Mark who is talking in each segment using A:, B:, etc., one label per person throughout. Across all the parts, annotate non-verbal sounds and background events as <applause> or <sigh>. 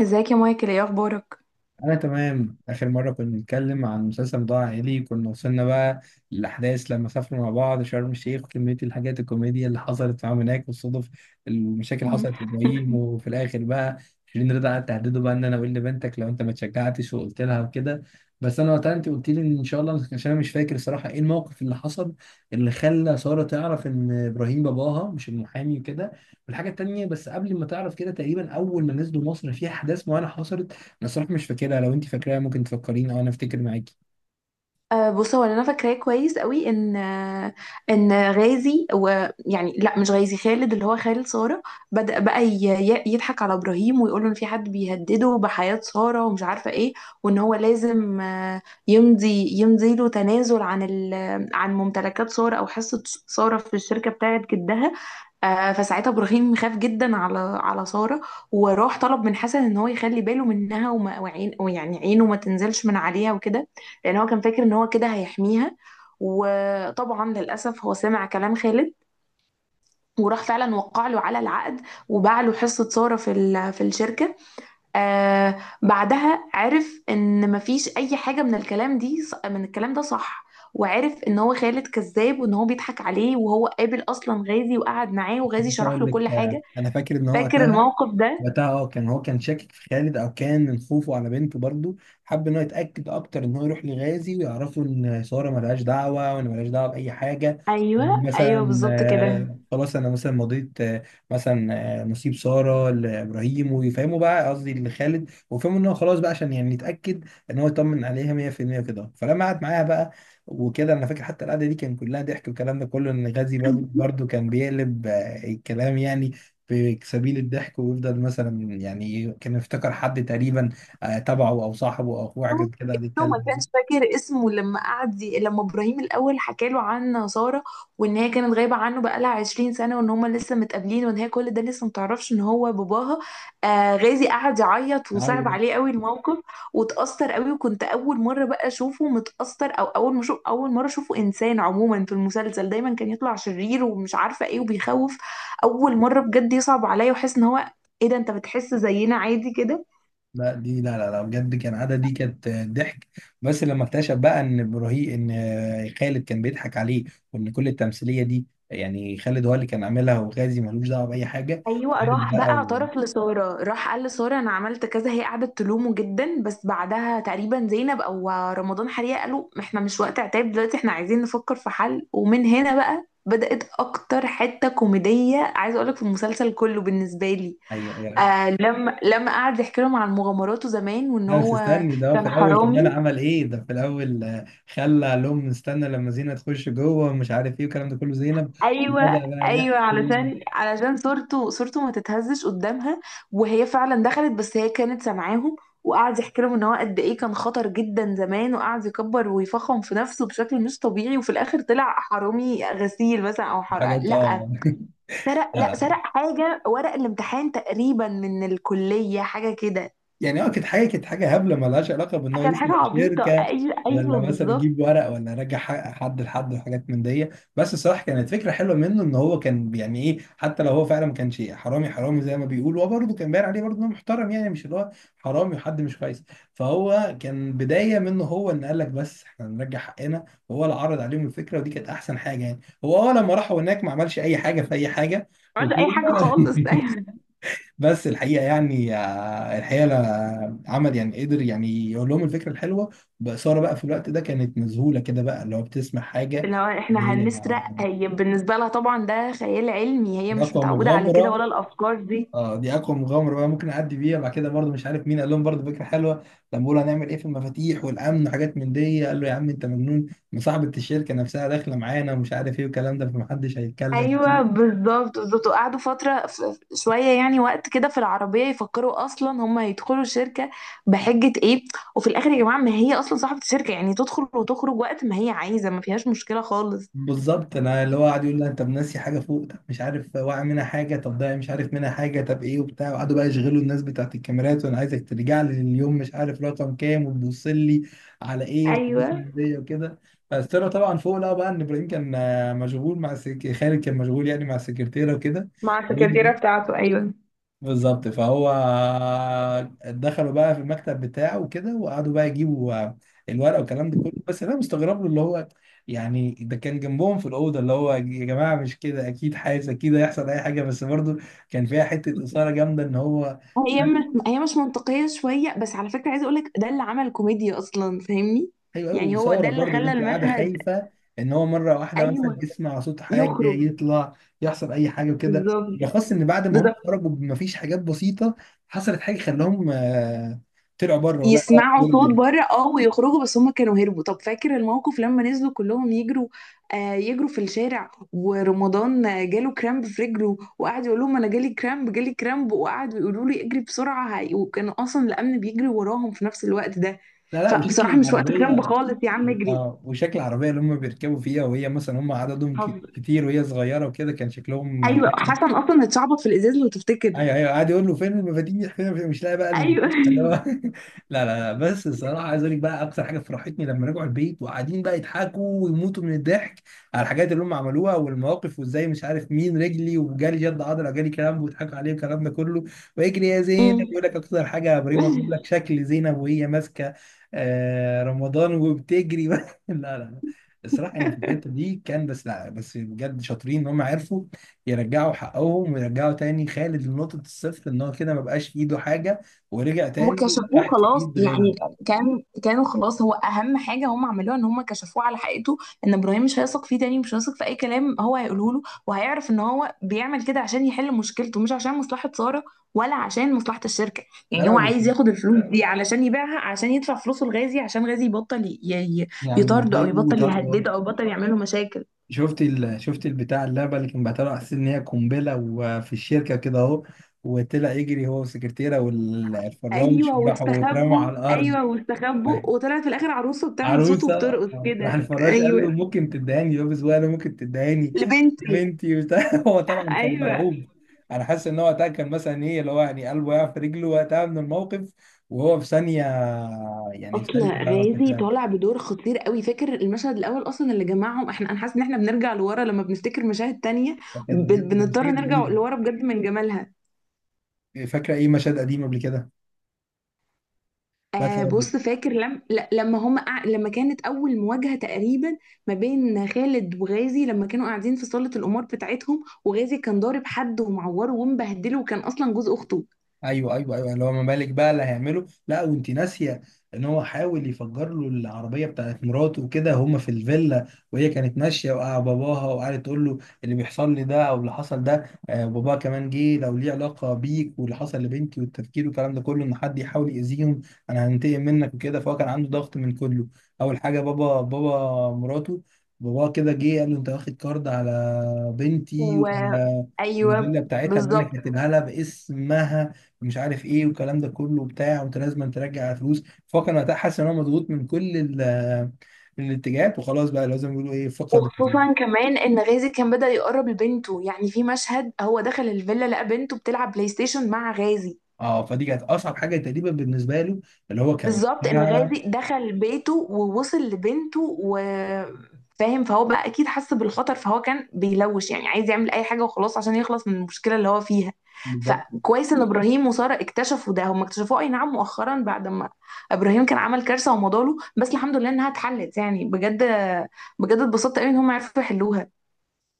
A: ازيك يا مايكل؟ ايه اخبارك؟
B: أنا تمام. آخر مرة كنا بنتكلم عن مسلسل موضوع عائلي كنا وصلنا بقى للأحداث لما سافروا مع بعض شرم الشيخ، وكمية الحاجات الكوميديا اللي حصلت معاهم هناك والصدف، المشاكل اللي حصلت
A: <laughs>
B: لإبراهيم. وفي الآخر بقى شيرين رضا قعدت تهدده بقى إن أنا أقول لبنتك لو أنت ما اتشجعتش وقلت لها وكده. بس أنا وقتها أنت قلت لي إن شاء الله، عشان أنا مش فاكر الصراحة إيه الموقف اللي حصل اللي خلى سارة تعرف إن إبراهيم باباها مش المحامي وكده. والحاجة التانية، بس قبل ما تعرف كده، تقريبا أول ما نزلوا مصر في أحداث معينة حصلت. انا صراحه مش فاكرها، لو انت فاكراها ممكن تفكريني او انا افتكر معاكي.
A: أه بص، هو اللي انا فاكراه كويس قوي ان ان غازي، ويعني لا مش غازي، خالد، اللي هو خالد ساره، بدأ بقى يضحك على ابراهيم ويقول له ان في حد بيهدده بحياه ساره ومش عارفه ايه، وان هو لازم يمضي له تنازل عن عن ممتلكات ساره او حصه ساره في الشركه بتاعت جدها. فساعتها ابراهيم خاف جدا على ساره، وراح طلب من حسن ان هو يخلي باله منها، وما وعين ويعني عينه ما تنزلش من عليها وكده، لان هو كان فاكر ان هو كده هيحميها. وطبعا للاسف هو سمع كلام خالد وراح فعلا وقع له على العقد، وباع له حصه ساره في في الشركه. آه بعدها عرف ان مفيش اي حاجه من الكلام دي من الكلام ده صح، وعرف ان هو خالد كذاب، وان هو بيضحك عليه، وهو قابل اصلا غازي وقعد معاه وغازي
B: بس
A: شرح
B: اقول
A: له كل
B: لك،
A: حاجه.
B: انا فاكر ان هو
A: فاكر
B: وقتها.
A: الموقف ده؟
B: وقتها كان هو شاكك في خالد، او كان من خوفه على بنته، برضه حب ان هو يتاكد اكتر، ان هو يروح لغازي ويعرفوا ان ساره ملهاش دعوه، وان ملهاش دعوه باي حاجه. وان
A: ايوه ايوه،
B: مثلا،
A: بالظبط كده.
B: خلاص، انا مثلا مضيت، مثلا نصيب ساره لابراهيم، ويفهموا بقى، قصدي لخالد، ويفهموا ان هو خلاص بقى، عشان يعني يتاكد ان هو يطمن عليها 100% كده. فلما قعد معاها بقى وكده، انا فاكر حتى القعده دي كان كلها ضحك، والكلام ده كله، ان غازي برضه برضه كان بيقلب الكلام يعني في سبيل الضحك، ويفضل مثلا، يعني كان يفتكر حد تقريبا تبعه، او صاحبه، او اخوه، حاجه
A: ابنه.
B: كده قاعد
A: ابنه ما
B: يتكلم
A: كانش
B: دي.
A: فاكر اسمه، لما قعد لما ابراهيم الاول حكى له عن ساره، وان هي كانت غايبه عنه بقالها 20 سنه، وان هما لسه متقابلين، وان هي كل ده لسه متعرفش ان هو باباها. آه غازي قعد يعيط
B: عيط.
A: وصعب عليه قوي الموقف، وتاثر قوي. وكنت اول مره بقى اشوفه متاثر، او اول ما شوف اول مره اشوفه انسان. عموما في المسلسل دايما كان يطلع شرير ومش عارفه ايه وبيخوف. اول مره بجد يصعب عليا واحس ان هو، ايه ده انت بتحس زينا عادي كده؟
B: لا، دي لا لا لا، بجد كان عادة، دي كانت ضحك. بس لما اكتشف بقى ان خالد كان بيضحك عليه، وان كل التمثيليه دي يعني خالد هو اللي كان عاملها، وغازي ملوش دعوه باي حاجه.
A: ايوه،
B: خالد
A: راح بقى
B: بقى.
A: اعترف لساره، راح قال لساره انا عملت كذا، هي قعدت تلومه جدا، بس بعدها تقريبا زينب او رمضان حريقه قالوا احنا مش وقت عتاب دلوقتي، احنا عايزين نفكر في حل. ومن هنا بقى بدأت اكتر حته كوميديه عايزه اقولك في المسلسل كله بالنسبه لي.
B: ايوه، أيوه، أيوه.
A: آه لما قعد يحكي لهم عن مغامراته زمان، وان
B: لا بس
A: هو
B: استني، ده هو في
A: كان
B: الاول
A: حرامي.
B: كمان عمل ايه؟ ده في الاول خلى قال لهم استنى لما زينة تخش جوه، ومش عارف ايه والكلام ده كله، زينب.
A: ايوه.
B: وبدأ بقى يحكي
A: ايوه، علشان صورته ما تتهزش قدامها. وهي فعلا دخلت، بس هي كانت سامعاهم. وقعد يحكي لهم ان هو قد ايه كان خطر جدا زمان، وقعد يكبر ويفخم في نفسه بشكل مش طبيعي، وفي الاخر طلع حرامي غسيل مثلا، او حرق.
B: حاجات
A: لا،
B: <laughs>
A: سرق.
B: لا
A: لا،
B: لا،
A: سرق حاجه ورق الامتحان تقريبا من الكليه، حاجه كده.
B: يعني كانت حاجه هبله مالهاش علاقه بان هو
A: كانت حاجه
B: يسند
A: عبيطه،
B: شركه،
A: ايوه ايوه
B: ولا مثلا
A: بالظبط.
B: يجيب ورق، ولا يرجع حد لحد، وحاجات من دي. بس الصراحه كانت فكره حلوه منه، ان هو كان يعني ايه، حتى لو هو فعلا ما كانش حرامي حرامي زي ما بيقول، هو برضه كان باين عليه برضه انه محترم، يعني مش اللي هو حرامي وحد مش كويس. فهو كان بدايه منه هو، ان قال لك بس احنا هنرجع حقنا، وهو اللي عرض عليهم الفكره، ودي كانت احسن حاجه. يعني هو لما راحوا هناك ما عملش اي حاجه في اي حاجه
A: ما عملش
B: وكده
A: اي حاجه خالص. <laughs>
B: <laughs> بس الحقيقه عمل يعني، قدر يعني يقول لهم الفكره الحلوه بإثارة بقى. في الوقت ده كانت مذهوله كده بقى، اللي هو بتسمع حاجه،
A: اللي هو
B: اللي
A: احنا
B: هي
A: هنسرق، هي بالنسبة لها طبعا ده خيال علمي، هي
B: دي
A: مش
B: اقوى
A: متعودة على كده
B: مغامره.
A: ولا الأفكار دي.
B: اه دي اقوى مغامره بقى ممكن اعدي بيها بعد كده. برضو مش عارف مين قال لهم برضو فكره حلوه، لما بيقولوا هنعمل ايه في المفاتيح والامن وحاجات من دي، قال له يا عم انت مجنون، مصاحبه الشركه نفسها داخله معانا، ومش عارف ايه والكلام ده، فمحدش هيتكلم.
A: ايوه بالظبط بالظبط. وقعدوا فترة شوية يعني وقت كده في العربية يفكروا اصلا هم هيدخلوا الشركة بحجة ايه. وفي الاخر يا جماعة، ما هي اصلا صاحبة الشركة، يعني تدخل وتخرج وقت ما هي عايزة، ما فيهاش مشكلة خالص.
B: بالظبط، انا اللي هو قاعد يقول لي انت ناسي حاجه فوق، طب مش عارف واقع منها حاجه، طب ده مش عارف منها حاجه، طب ايه وبتاع. وقعدوا بقى يشغلوا الناس بتاعت الكاميرات، وانا عايزك ترجع لي لليوم مش عارف رقم كام، وتبص لي على ايه، وحاجات
A: ايوه.
B: من دي وكده. بس طلع طبعا فوق، لقى بقى ان ابراهيم كان مشغول مع خالد كان مشغول يعني مع السكرتيره وكده.
A: مع السكرتيرة بتاعته، ايوه.
B: بالظبط. فهو دخلوا بقى في المكتب بتاعه وكده، وقعدوا بقى يجيبوا الورقه والكلام ده كله. بس انا مستغرب له، اللي هو يعني ده كان جنبهم في الاوضه، اللي هو يا جماعه مش كده، اكيد حاسس اكيد هيحصل اي حاجه. بس برضو كان فيها حته اثاره جامده ان هو.
A: هي مش منطقية شوية، بس على فكرة عايزة اقولك ده اللي عمل كوميديا اصلا، فاهمني؟
B: ايوه ايوه،
A: يعني هو ده
B: اثاره
A: اللي
B: برضو ان
A: خلى
B: انت قاعده
A: المشهد.
B: خايفه ان هو مره واحده مثلا
A: ايوه.
B: يسمع صوت حاجه
A: يخرج.
B: يطلع، يحصل اي حاجه وكده.
A: بالظبط
B: بالاخص ان بعد ما هم
A: بالظبط.
B: خرجوا مفيش حاجات بسيطه، حصلت حاجه خلاهم طلعوا بره. ولا
A: يسمعوا صوت بره اه، ويخرجوا، بس هم كانوا هربوا. طب فاكر الموقف لما نزلوا كلهم يجروا؟ آه، يجروا في الشارع، ورمضان جاله كرامب في رجله، وقعد يقول لهم انا جالي كرامب، جالي كرامب، وقعدوا يقولوا لي اجري بسرعه، وكانوا اصلا الامن بيجري وراهم في نفس الوقت ده.
B: لا لا، وشكل
A: فبصراحه مش وقت كرامب
B: العربية.
A: خالص يا عم، اجري.
B: اه وشكل العربية اللي هم بيركبوا فيها، وهي مثلا هم عددهم
A: حظ.
B: كتير وهي صغيرة وكده كان شكلهم.
A: ايوه، حسن اصلا اتشعبط في الازاز لو تفتكر.
B: ايوه ايوه، قاعد يقول له فين المفاتيح فين المفاتيح؟ مش لاقي بقى
A: ايوه.
B: المفاتيح اللي هو <laughs> لا لا لا، بس الصراحه عايز اقول لك بقى اكتر حاجه فرحتني لما رجعوا البيت وقاعدين بقى يضحكوا ويموتوا من الضحك، على الحاجات اللي هم عملوها والمواقف، وازاي مش عارف مين رجلي وجالي جد عضله جالي كلام، ويضحكوا عليه والكلام ده كله. ويجري يا زينب، يقول لك
A: <laughs>
B: اكتر حاجه يا بريمه، بيقول لك
A: أمم.
B: شكل زينب وهي ماسكه رمضان وبتجري <laughs> لا لا لا، الصراحه يعني في الحته دي كان بس، لا بس بجد شاطرين ان هم عرفوا يرجعوا حقهم، ويرجعوا تاني خالد لنقطة الصفر، ان هو كده ما بقاش في ايده حاجة، ورجع تاني يبقى
A: وكشفوه
B: تحت
A: خلاص
B: ايد
A: يعني.
B: غازي.
A: كان كانوا خلاص، هو اهم حاجه هم عملوها ان هم كشفوه على حقيقته، ان ابراهيم مش هيثق فيه تاني، مش هيثق في اي كلام هو هيقوله له، وهيعرف ان هو بيعمل كده عشان يحل مشكلته مش عشان مصلحه ساره، ولا عشان مصلحه الشركه.
B: لا
A: يعني
B: لا،
A: هو
B: بس
A: عايز ياخد الفلوس دي علشان يبيعها، عشان يدفع فلوسه لغازي عشان غازي يبطل
B: يعني
A: يطارده، او
B: ضايقوه
A: يبطل
B: وطردوا.
A: يهدده، او يبطل يعمل له مشاكل.
B: شفت البتاع، اللعبة اللي كان بعتها له على أساس ان هي قنبلة، وفي الشركة كده اهو، وطلع يجري هو والسكرتيرة والفراش،
A: ايوه
B: وراحوا واترموا على
A: واستخبوا،
B: الأرض.
A: ايوه واستخبوا، وطلعت في الاخر عروسه بتعمل صوت
B: عروسه.
A: وبترقص
B: راح
A: كده،
B: الفراش قال
A: ايوه.
B: له ممكن تدهني يابس، وانا ممكن تدهني <laughs> يا
A: لبنتي.
B: بنتي وبتاع <laughs> هو طبعا كان
A: ايوه.
B: مرعوب. انا حاسس ان هو وقتها كان مثلا ايه، اللي هو يعني قلبه يقع في رجله وقتها من الموقف وهو في ثانيه، يعني في
A: اصل
B: ثانيه. آه،
A: غازي
B: كانت
A: طالع بدور خطير قوي. فاكر المشهد الاول اصلا اللي جمعهم؟ احنا انا حاسه ان احنا بنرجع لورا لما بنفتكر مشاهد تانية،
B: كانت بجد كانت
A: بنضطر
B: مشاهد
A: نرجع
B: جميله.
A: لورا بجد من جمالها.
B: فاكره ايه مشاهد قديمه قبل كده
A: آه
B: مثلا؟
A: بص، فاكر لم ل- لما لما كانت اول مواجهه تقريبا ما بين خالد وغازي، لما كانوا قاعدين في صاله القمار بتاعتهم، وغازي كان ضارب حد ومعوره ومبهدله، وكان اصلا جوز اخته.
B: ايوه ايوه ايوه، اللي هو ما بالك بقى اللي هيعمله. لا وانت ناسيه ان هو حاول يفجر له العربيه بتاعت مراته وكده، هما في الفيلا وهي كانت ماشيه، وقع باباها وقعدت تقول له اللي بيحصل لي ده او اللي حصل ده، باباها كمان جه، لو ليه علاقه بيك واللي حصل لبنتي والتفكير والكلام ده كله، ان حد يحاول يأذيهم، انا هنتقم منك وكده. فهو كان عنده ضغط من كله، اول حاجه بابا، بابا مراته، بابا كده جه قال له انت واخد كارد على بنتي
A: و...
B: والفيلا
A: ايوه
B: بتاعتها اللي انا
A: بالظبط.
B: كاتبها لها باسمها، مش عارف ايه والكلام ده كله وبتاع، وانت لازم ترجع فلوس. فهو كان وقتها حاسس ان هو مضغوط من كل الاتجاهات، وخلاص بقى لازم يقولوا ايه، فقد
A: وخصوصا كمان ان غازي كان بدأ يقرب لبنته، يعني في مشهد هو دخل الفيلا لقى بنته بتلعب بلاي ستيشن مع غازي.
B: فدي كانت اصعب حاجه تقريبا بالنسبه له، اللي هو كان.
A: بالظبط، ان غازي دخل بيته ووصل لبنته وفاهم. فهو بقى اكيد حس بالخطر، فهو كان بيلوش يعني عايز يعمل اي حاجة وخلاص عشان يخلص من المشكلة اللي هو فيها.
B: بالظبط
A: فكويس ان ابراهيم وسارة اكتشفوا ده. هم اكتشفوه اي نعم مؤخرا، بعد ما ابراهيم كان عمل كارثة ومضاله، بس الحمد لله انها اتحلت، يعني بجد بجد اتبسطت قوي ان هم عرفوا يحلوها.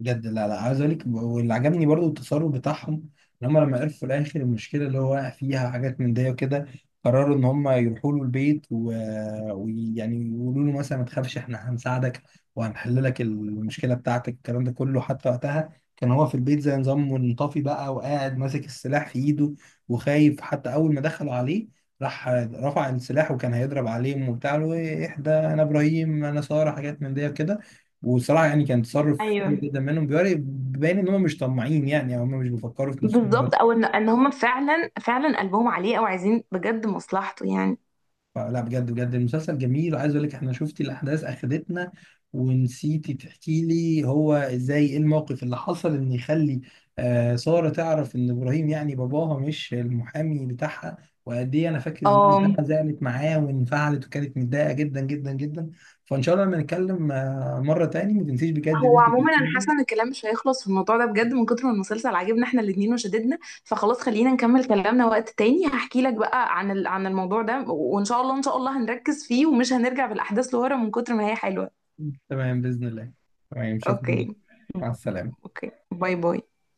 B: بجد. لا لا، عايز اقول لك واللي عجبني برضو التصرف بتاعهم، ان هم لما عرفوا في الاخر المشكله اللي هو واقع فيها حاجات من دي وكده، قرروا ان هم يروحوا له البيت ويعني يقولوا له مثلا ما تخافش احنا هنساعدك، وهنحل لك المشكله بتاعتك الكلام ده كله. حتى وقتها كان هو في البيت زي نظام منطفي بقى، وقاعد ماسك السلاح في ايده وخايف. حتى اول ما دخلوا عليه راح رفع السلاح وكان هيضرب عليهم وبتاع، له ايه، اهدى، انا ابراهيم، انا ساره، حاجات من دي وكده. وصراحة يعني كان تصرف حلو
A: ايوه
B: جدا منهم، بيوري باين ان هم مش طماعين يعني، او هم مش بيفكروا في نفسهم
A: بالظبط،
B: بس.
A: او ان هم فعلا قلبهم عليه، او عايزين بجد مصلحته يعني.
B: فلا بجد بجد المسلسل جميل. وعايز اقول لك، احنا شفتي الاحداث اخدتنا، ونسيتي تحكي لي هو ازاي ايه الموقف اللي حصل ان يخلي سارة تعرف ان ابراهيم يعني باباها مش المحامي بتاعها، وقد ايه. انا فاكر ان دي
A: اه.
B: بتاعها زعلت معاه وانفعلت، وكانت متضايقة جدا جدا جدا. فان شاء الله لما نتكلم مرة تاني، ما تنسيش بجد ان
A: هو
B: انت
A: عموما
B: تحكي
A: انا
B: لي.
A: حاسه ان الكلام مش هيخلص في الموضوع ده بجد، من كتر ما المسلسل عاجبنا احنا الاتنين وشددنا. فخلاص خلينا نكمل كلامنا وقت تاني، هحكي لك بقى عن عن الموضوع ده، وان شاء الله هنركز فيه ومش هنرجع بالاحداث لورا من كتر ما هي حلوه.
B: تمام بإذن الله. تمام، شكرا.
A: اوكي.
B: مع السلامة.
A: اوكي، باي باي.